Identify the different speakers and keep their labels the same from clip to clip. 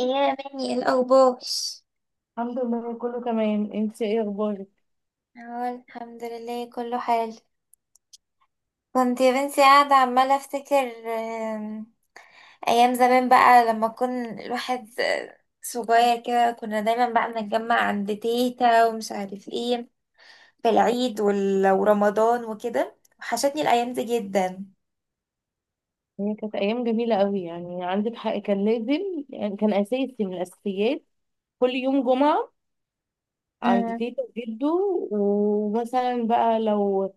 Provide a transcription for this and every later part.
Speaker 1: إيه يا بني، إيه الأخبار؟
Speaker 2: الحمد لله، كله تمام. انت ايه اخبارك؟
Speaker 1: اه الحمد لله كله حال. كنت يا بنتي قاعدة عمالة أفتكر، أيام زمان بقى لما كن الواحد صغير كده، كنا دايما بقى بنتجمع عند تيتا ومش عارف ايه في العيد ورمضان وكده. وحشتني الأيام دي جدا.
Speaker 2: هي كانت ايام جميله قوي، يعني عندك حق. كان لازم، يعني كان اساسي من الاساسيات. كل يوم جمعه عند
Speaker 1: امم.
Speaker 2: تيتا وجده. ومثلا بقى لو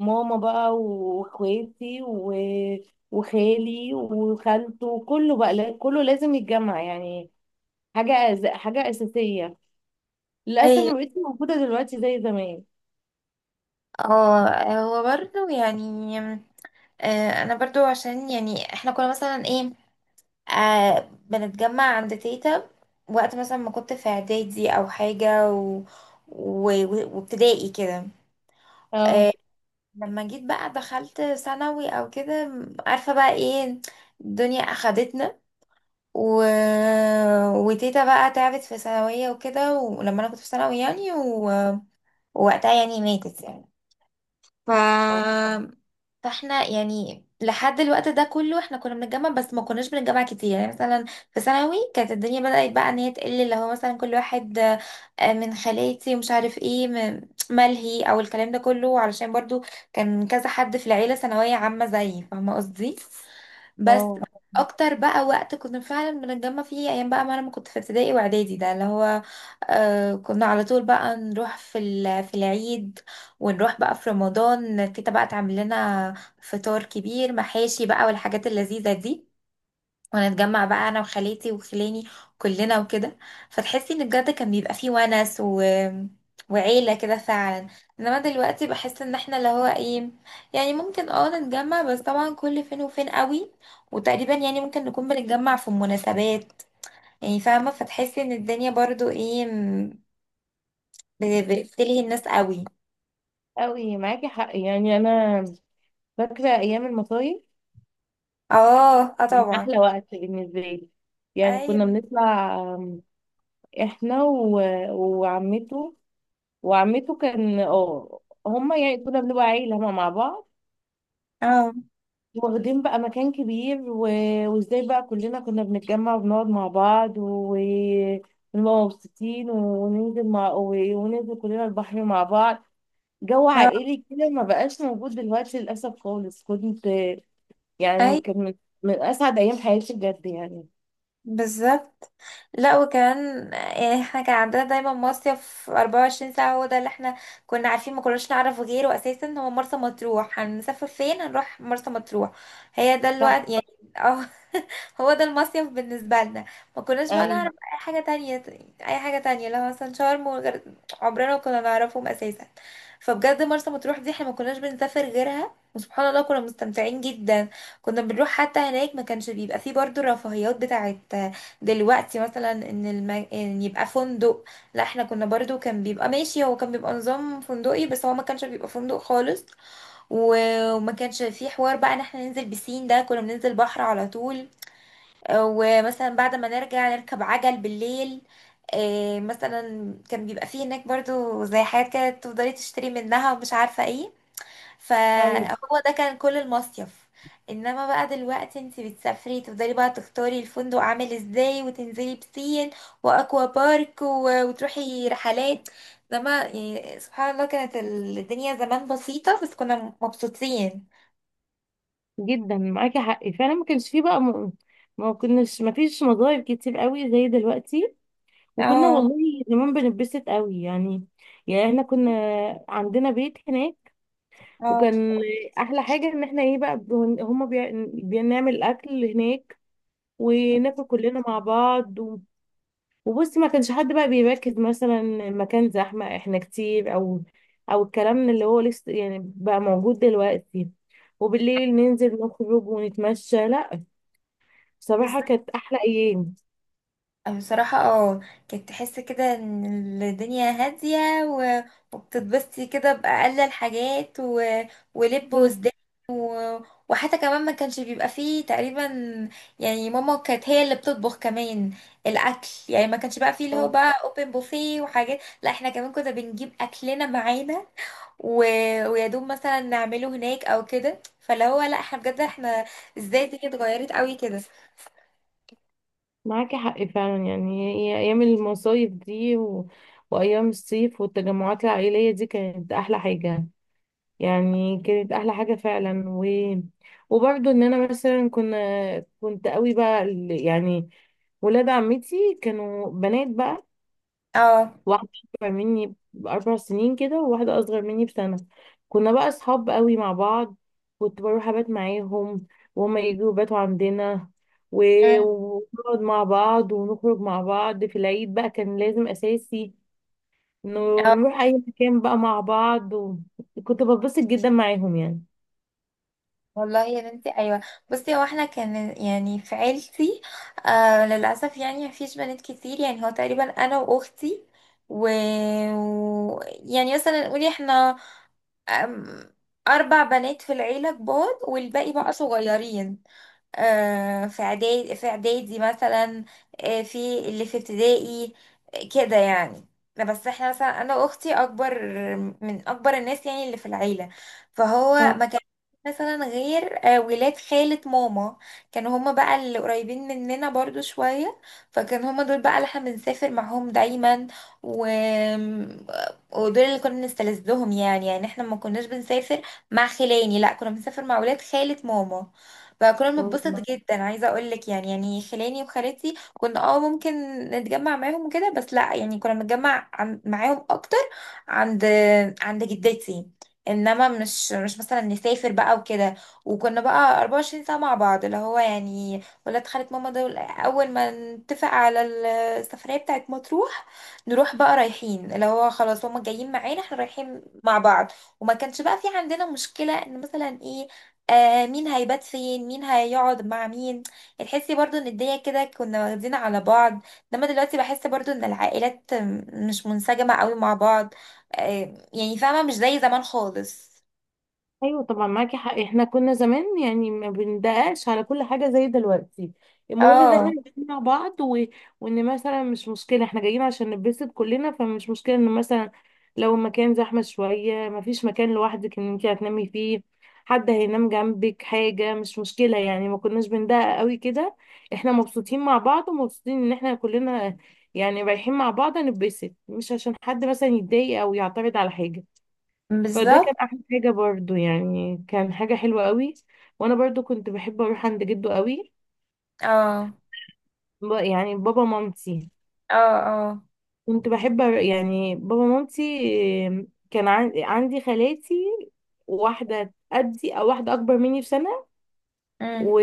Speaker 2: ماما بقى واخواتي و... وخالي وخالته كله بقى كله لازم يتجمع يعني. حاجه اساسيه. للاسف
Speaker 1: ايوه.
Speaker 2: ما بقتش موجوده دلوقتي زي زمان.
Speaker 1: اه، هو برضه يعني انا برضو عشان يعني احنا كنا مثلا ايه، بنتجمع عند تيتا وقت مثلا ما كنت في اعدادي او حاجة، وابتدائي كده.
Speaker 2: اه،
Speaker 1: لما جيت بقى دخلت ثانوي او كده، عارفة بقى ايه؟ الدنيا اخدتنا، و... وتيتا بقى تعبت في ثانوية وكده، ولما انا كنت في ثانوي يعني و... ووقتها يعني ماتت يعني. ف
Speaker 2: اه،
Speaker 1: فاحنا يعني لحد الوقت ده كله احنا كنا بنتجمع بس ما كناش بنتجمع كتير. يعني مثلا في ثانوي كانت الدنيا بدأت بقى ان هي تقل، اللي هو مثلا كل واحد من خالاتي ومش عارف ايه ملهي او الكلام ده كله، علشان برضو كان كذا حد في العيلة ثانوية عامة زيي، فاهمة قصدي؟ بس
Speaker 2: اه،
Speaker 1: اكتر بقى وقت كنا فعلا بنتجمع فيه ايام بقى ما انا ما كنت في ابتدائي واعدادي، ده اللي هو كنا على طول بقى نروح في العيد، ونروح بقى في رمضان تيتا بقى تعمل لنا فطار كبير محاشي بقى والحاجات اللذيذة دي، ونتجمع بقى انا وخالاتي وخلاني كلنا وكده. فتحسي ان بجد كان بيبقى فيه ونس و... وعيلة كده فعلا. انما دلوقتي بحس ان احنا اللي هو ايه، يعني ممكن اه نتجمع، بس طبعا كل فين وفين قوي، وتقريبا يعني ممكن نكون بنتجمع في مناسبات يعني، فاهمة؟ فتحسي ان الدنيا برضو ايه، بتلهي الناس قوي.
Speaker 2: قوي معاكي حق يعني. انا فاكرة أيام المصايف،
Speaker 1: اه، اه،
Speaker 2: من
Speaker 1: طبعا.
Speaker 2: أحلى وقت بالنسبة لي. يعني كنا
Speaker 1: ايوه.
Speaker 2: بنطلع، إحنا و... وعمته وعمته كان هما، يعني كنا بنبقى عيلة هما مع بعض.
Speaker 1: اه،
Speaker 2: واخدين بقى مكان كبير، وازاي بقى كلنا كنا بنتجمع وبنقعد مع بعض، ونبقى مبسوطين، وننزل كلنا البحر مع بعض. جو
Speaker 1: اه،
Speaker 2: عائلي كده ما بقاش موجود دلوقتي للأسف خالص. يعني
Speaker 1: اي.
Speaker 2: كان من أسعد أيام حياتي بجد يعني.
Speaker 1: بالظبط. لا وكمان يعني احنا كان عندنا دايما مصيف 24 ساعة. هو ده اللي احنا كنا عارفين، ما كناش نعرف غيره اساسا، هو مرسى مطروح. هنسافر فين؟ هنروح مرسى مطروح. هي ده الوقت يعني. اه، هو ده المصيف بالنسبة لنا، ما كناش بقى
Speaker 2: ايوه،
Speaker 1: نعرف اي حاجة تانية. اي حاجة تانية لو مثلا شرم وغير، عمرنا ما كنا نعرفهم اساسا. فبجد مرسى مطروح دي احنا ما كناش بنسافر غيرها، وسبحان الله كنا مستمتعين جدا. كنا بنروح حتى هناك ما كانش بيبقى فيه برضو الرفاهيات بتاعت دلوقتي، مثلا إن يبقى فندق. لا احنا كنا برضو كان بيبقى ماشي، هو كان بيبقى نظام فندقي بس هو ما كانش بيبقى فندق خالص. وما كانش فيه حوار بقى ان احنا ننزل بسين، ده كنا بننزل بحر على طول. ومثلا بعد ما نرجع نركب عجل بالليل. مثلا كان بيبقى فيه هناك برضو زي حاجات كده تفضلي تشتري منها ومش عارفة ايه،
Speaker 2: ايوه،
Speaker 1: فهو ده كان كل المصيف. انما بقى دلوقتي انت بتسافري تفضلي بقى تختاري الفندق عامل ازاي وتنزلي بسين واكوا بارك وتروحي رحلات. انما يعني سبحان الله كانت الدنيا زمان بسيطة بس كنا مبسوطين.
Speaker 2: جدا معاكي حق فعلا. ما كانش فيه بقى ما فيش مظاهر كتير قوي زي دلوقتي. وكنا
Speaker 1: اه،
Speaker 2: والله زمان بنتبسط قوي يعني احنا كنا عندنا بيت هناك.
Speaker 1: اه،
Speaker 2: وكان احلى حاجه ان احنا ايه بقى هما بنعمل اكل هناك وناكل كلنا مع بعض. وبصي، ما كانش حد بقى بيركز مثلا المكان زحمة، احنا كتير، او الكلام اللي هو لسه يعني بقى موجود دلوقتي. وبالليل ننزل نخرج ونتمشى. لا، بصراحة
Speaker 1: بالظبط.
Speaker 2: كانت أحلى أيام.
Speaker 1: بصراحة اه، كنت تحس كده ان الدنيا هادية، و... وبتتبسطي كده بأقل الحاجات، و... ولب
Speaker 2: بالظبط.
Speaker 1: وسدان. و... وحتى كمان ما كانش بيبقى فيه تقريبا يعني، ماما كانت هي اللي بتطبخ كمان الأكل، يعني ما كانش بقى فيه اللي هو
Speaker 2: اه.
Speaker 1: بقى اوبن بوفيه وحاجات، لا احنا كمان كنا بنجيب أكلنا معانا، و... ويا دوب مثلا نعمله هناك او كده. فاللي هو لا، احنا بجد احنا ازاي الدنيا اتغيرت قوي كده.
Speaker 2: معاكي حق فعلا، يعني هي أيام المصايف دي و... وأيام الصيف والتجمعات العائلية دي كانت أحلى حاجة. يعني كانت احلى حاجه فعلا، و وبرضه ان انا مثلا كنت قوي بقى يعني ولاد عمتي كانوا بنات بقى.
Speaker 1: اه.
Speaker 2: واحده اكبر مني ب4 سنين كده، وواحده اصغر مني بسنه. كنا بقى اصحاب قوي مع بعض. كنت بروح ابات معاهم، وهما يجوا يباتوا عندنا، و-
Speaker 1: أمم.
Speaker 2: ونقعد مع بعض ونخرج مع بعض. في العيد بقى كان لازم اساسي إنه
Speaker 1: اه
Speaker 2: نروح اي مكان بقى مع بعض. وكنت بتبسط جدا معاهم يعني.
Speaker 1: والله يا بنتي ايوه، بصي هو احنا كان يعني في عيلتي للاسف يعني مفيش بنات كتير، يعني هو تقريبا انا واختي، و... و... يعني مثلا نقول احنا أم... اربع بنات في العيله كبار والباقي بقى صغيرين. في اعدادي في اعدادي مثلا، في اللي في ابتدائي، كده يعني. لا بس احنا مثلا انا واختي اكبر من اكبر الناس يعني اللي في العيله، فهو ما كان مثلا غير ولاد خالة ماما. كانوا هما بقى اللي قريبين مننا برضو شوية، فكان هما دول بقى اللي احنا بنسافر معاهم دايما. و... ودول اللي كنا بنستلذهم يعني، يعني احنا ما كناش بنسافر مع خلاني، لا كنا بنسافر مع ولاد خالة ماما. فكنا بنتبسط
Speaker 2: مم.
Speaker 1: جدا، عايزه اقول لك يعني يعني خلاني وخالتي كنا اه ممكن نتجمع معاهم وكده، بس لا يعني كنا بنتجمع معاهم اكتر عند جدتي، انما مش مثلا نسافر بقى وكده. وكنا بقى 24 ساعه مع بعض، اللي هو يعني ولاد خالة ماما دول اول ما نتفق على السفريه بتاعت مطروح نروح بقى رايحين، اللي هو خلاص هما جايين معانا احنا رايحين مع بعض. وما كانش بقى في عندنا مشكله ان مثلا ايه، آه، مين هيبات فين، مين هيقعد مع مين، يعني تحسي برضو ان الدنيا كده كنا واخدين على بعض. انما دلوقتي بحس برضو ان العائلات مش منسجمة قوي مع بعض. آه، يعني فاهمة، مش زي زمان خالص.
Speaker 2: ايوه، طبعا معاكي حق. احنا كنا زمان يعني ما بندققش على كل حاجه زي دلوقتي. المهم ان احنا
Speaker 1: اه،
Speaker 2: نتكلم مع بعض، و... وان مثلا مش مشكله احنا جايين عشان نتبسط كلنا، فمش مشكله ان مثلا لو المكان زحمه شويه، ما فيش مكان لوحدك ان انت هتنامي فيه، حد هينام جنبك، حاجه مش مشكله. يعني ما كناش بندقق قوي كده. احنا مبسوطين مع بعض، ومبسوطين ان احنا كلنا يعني رايحين مع بعض نتبسط، مش عشان حد مثلا يتضايق او يعترض على حاجه. فده كان
Speaker 1: بالظبط.
Speaker 2: احلى حاجه برضو، يعني كان حاجه حلوه قوي. وانا برضو كنت بحب اروح عند جده قوي،
Speaker 1: اه،
Speaker 2: يعني بابا مامتي.
Speaker 1: اه، اه.
Speaker 2: كنت بحب يعني بابا مامتي كان عندي خالاتي. واحده قدي، او واحده اكبر مني بسنه،
Speaker 1: امم،
Speaker 2: و...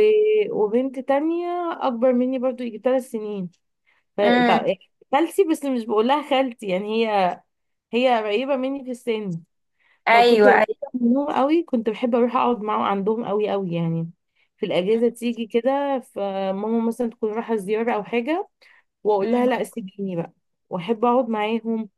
Speaker 2: وبنت تانية اكبر مني برضو يجي 3 سنين. ف...
Speaker 1: امم.
Speaker 2: تع- خالتي، بس مش بقولها خالتي يعني هي قريبه مني في السن. فكنت
Speaker 1: ايوه، ايوه.
Speaker 2: قريبة منهم قوي. كنت بحب اروح اقعد معاهم عندهم قوي قوي يعني. في الاجازه تيجي كده، فماما مثلا تكون رايحه زياره او حاجه، واقول لها لا،
Speaker 1: امم،
Speaker 2: سيبيني بقى واحب اقعد معاهم.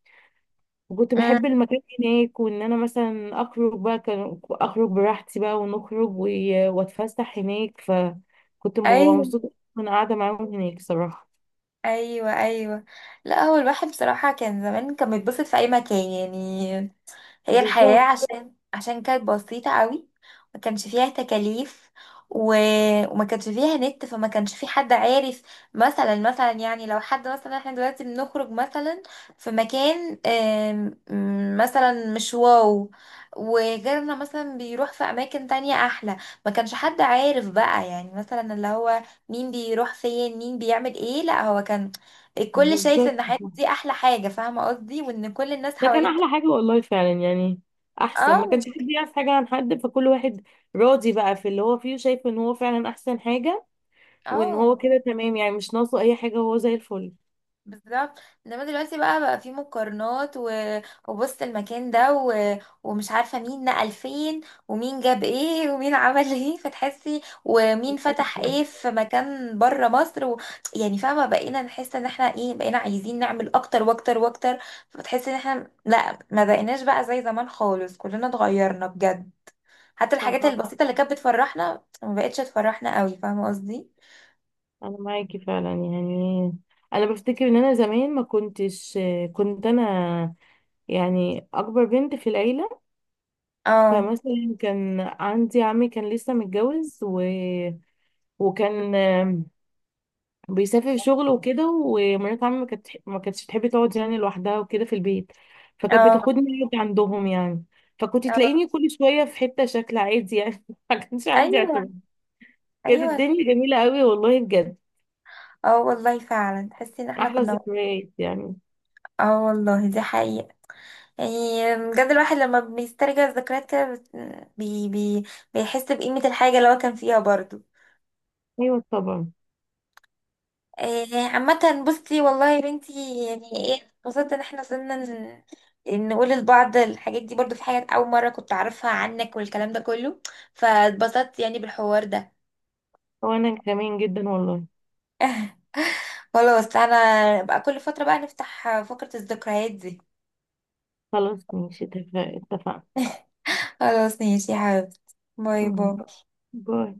Speaker 2: وكنت
Speaker 1: امم.
Speaker 2: بحب المكان هناك، وان انا مثلا اخرج بقى كان اخرج براحتي بقى، ونخرج و- واتفسح هناك، فكنت ببقى
Speaker 1: ايوه،
Speaker 2: مبسوطه وانا قاعده معاهم هناك صراحه.
Speaker 1: ايوه، ايوه. لا هو الواحد بصراحة كان زمان كان بيتبسط في اي مكان يعني، هي الحياة
Speaker 2: بالظبط،
Speaker 1: عشان كانت بسيطة قوي، ما كانش فيها تكاليف، و... وما كانش فيها نت. فما كانش في حد عارف، مثلا يعني لو حد مثلا احنا دلوقتي بنخرج مثلا في مكان مثلا مش واو، وغيرنا مثلا بيروح في اماكن تانية احلى، ما كانش حد عارف بقى يعني مثلا اللي هو مين بيروح فين، مين بيعمل ايه. لا، هو كان الكل شايف
Speaker 2: بالظبط.
Speaker 1: ان حياتي دي احلى حاجة، فاهمة قصدي؟ وان كل الناس
Speaker 2: ده كان
Speaker 1: حواليه
Speaker 2: احلى حاجة والله فعلا يعني. احسن ما كانش
Speaker 1: اه،
Speaker 2: حد يعرف حاجة عن حد، فكل واحد راضي بقى في اللي هو فيه، وشايف ان هو فعلا احسن حاجة، وان هو
Speaker 1: اه،
Speaker 2: كده تمام. يعني مش ناقصه اي حاجة، هو زي الفل.
Speaker 1: بالظبط. انما دلوقتي بقى في مقارنات، و... وبص المكان ده، و... ومش عارفه مين نقل فين، ومين جاب ايه، ومين عمل ايه فتحسي، ومين فتح ايه في مكان بره مصر. و... يعني فاهمه، بقينا نحس ان احنا ايه، بقينا عايزين نعمل اكتر واكتر واكتر. فتحس ان احنا لا، ما بقيناش بقى زي زمان خالص، كلنا اتغيرنا بجد. حتى الحاجات
Speaker 2: صح.
Speaker 1: البسيطه اللي كانت بتفرحنا ما بقتش تفرحنا قوي، فاهمه قصدي؟
Speaker 2: انا معاكي فعلا يعني. انا بفتكر ان انا زمان ما كنتش كنت انا يعني اكبر بنت في العيله.
Speaker 1: اه،
Speaker 2: فمثلا كان عندي عمي، كان لسه متجوز، و... وكان بيسافر شغل وكده. ومرات عمي ما كانتش تحب تقعد يعني لوحدها وكده في البيت، فكانت
Speaker 1: اه،
Speaker 2: بتاخدني أقعد عندهم يعني. فكنت
Speaker 1: اه.
Speaker 2: تلاقيني كل شوية في حتة، شكل عادي يعني ما كانش عندي اعتراض.
Speaker 1: ايوه،
Speaker 2: كانت
Speaker 1: ايوه.
Speaker 2: الدنيا جميلة قوي والله بجد.
Speaker 1: اه والله فعلا تحسي ان احنا
Speaker 2: أحلى
Speaker 1: كنا.
Speaker 2: ذكريات يعني.
Speaker 1: اه والله دي حقيقة. يعني بجد الواحد لما بيسترجع الذكريات كده بت- بي بي بيحس بقيمة الحاجة اللي هو كان فيها برضو.
Speaker 2: أيوة، طبعا.
Speaker 1: إيه عامة بصي، والله يا بنتي، يعني ايه، اتبسطت ان احنا وصلنا نقول لبعض الحاجات دي، برضو في حاجات أول مرة كنت أعرفها عنك والكلام ده كله، فاتبسطت يعني بالحوار ده.
Speaker 2: وأنا كمان جدا والله.
Speaker 1: خلاص، أنا بقى كل فترة بقى نفتح فقرة الذكريات دي.
Speaker 2: خلاص، ماشي، اتفقنا.
Speaker 1: خلاص ماشي يا حبيبتي. باي
Speaker 2: مم.
Speaker 1: باي.
Speaker 2: باي.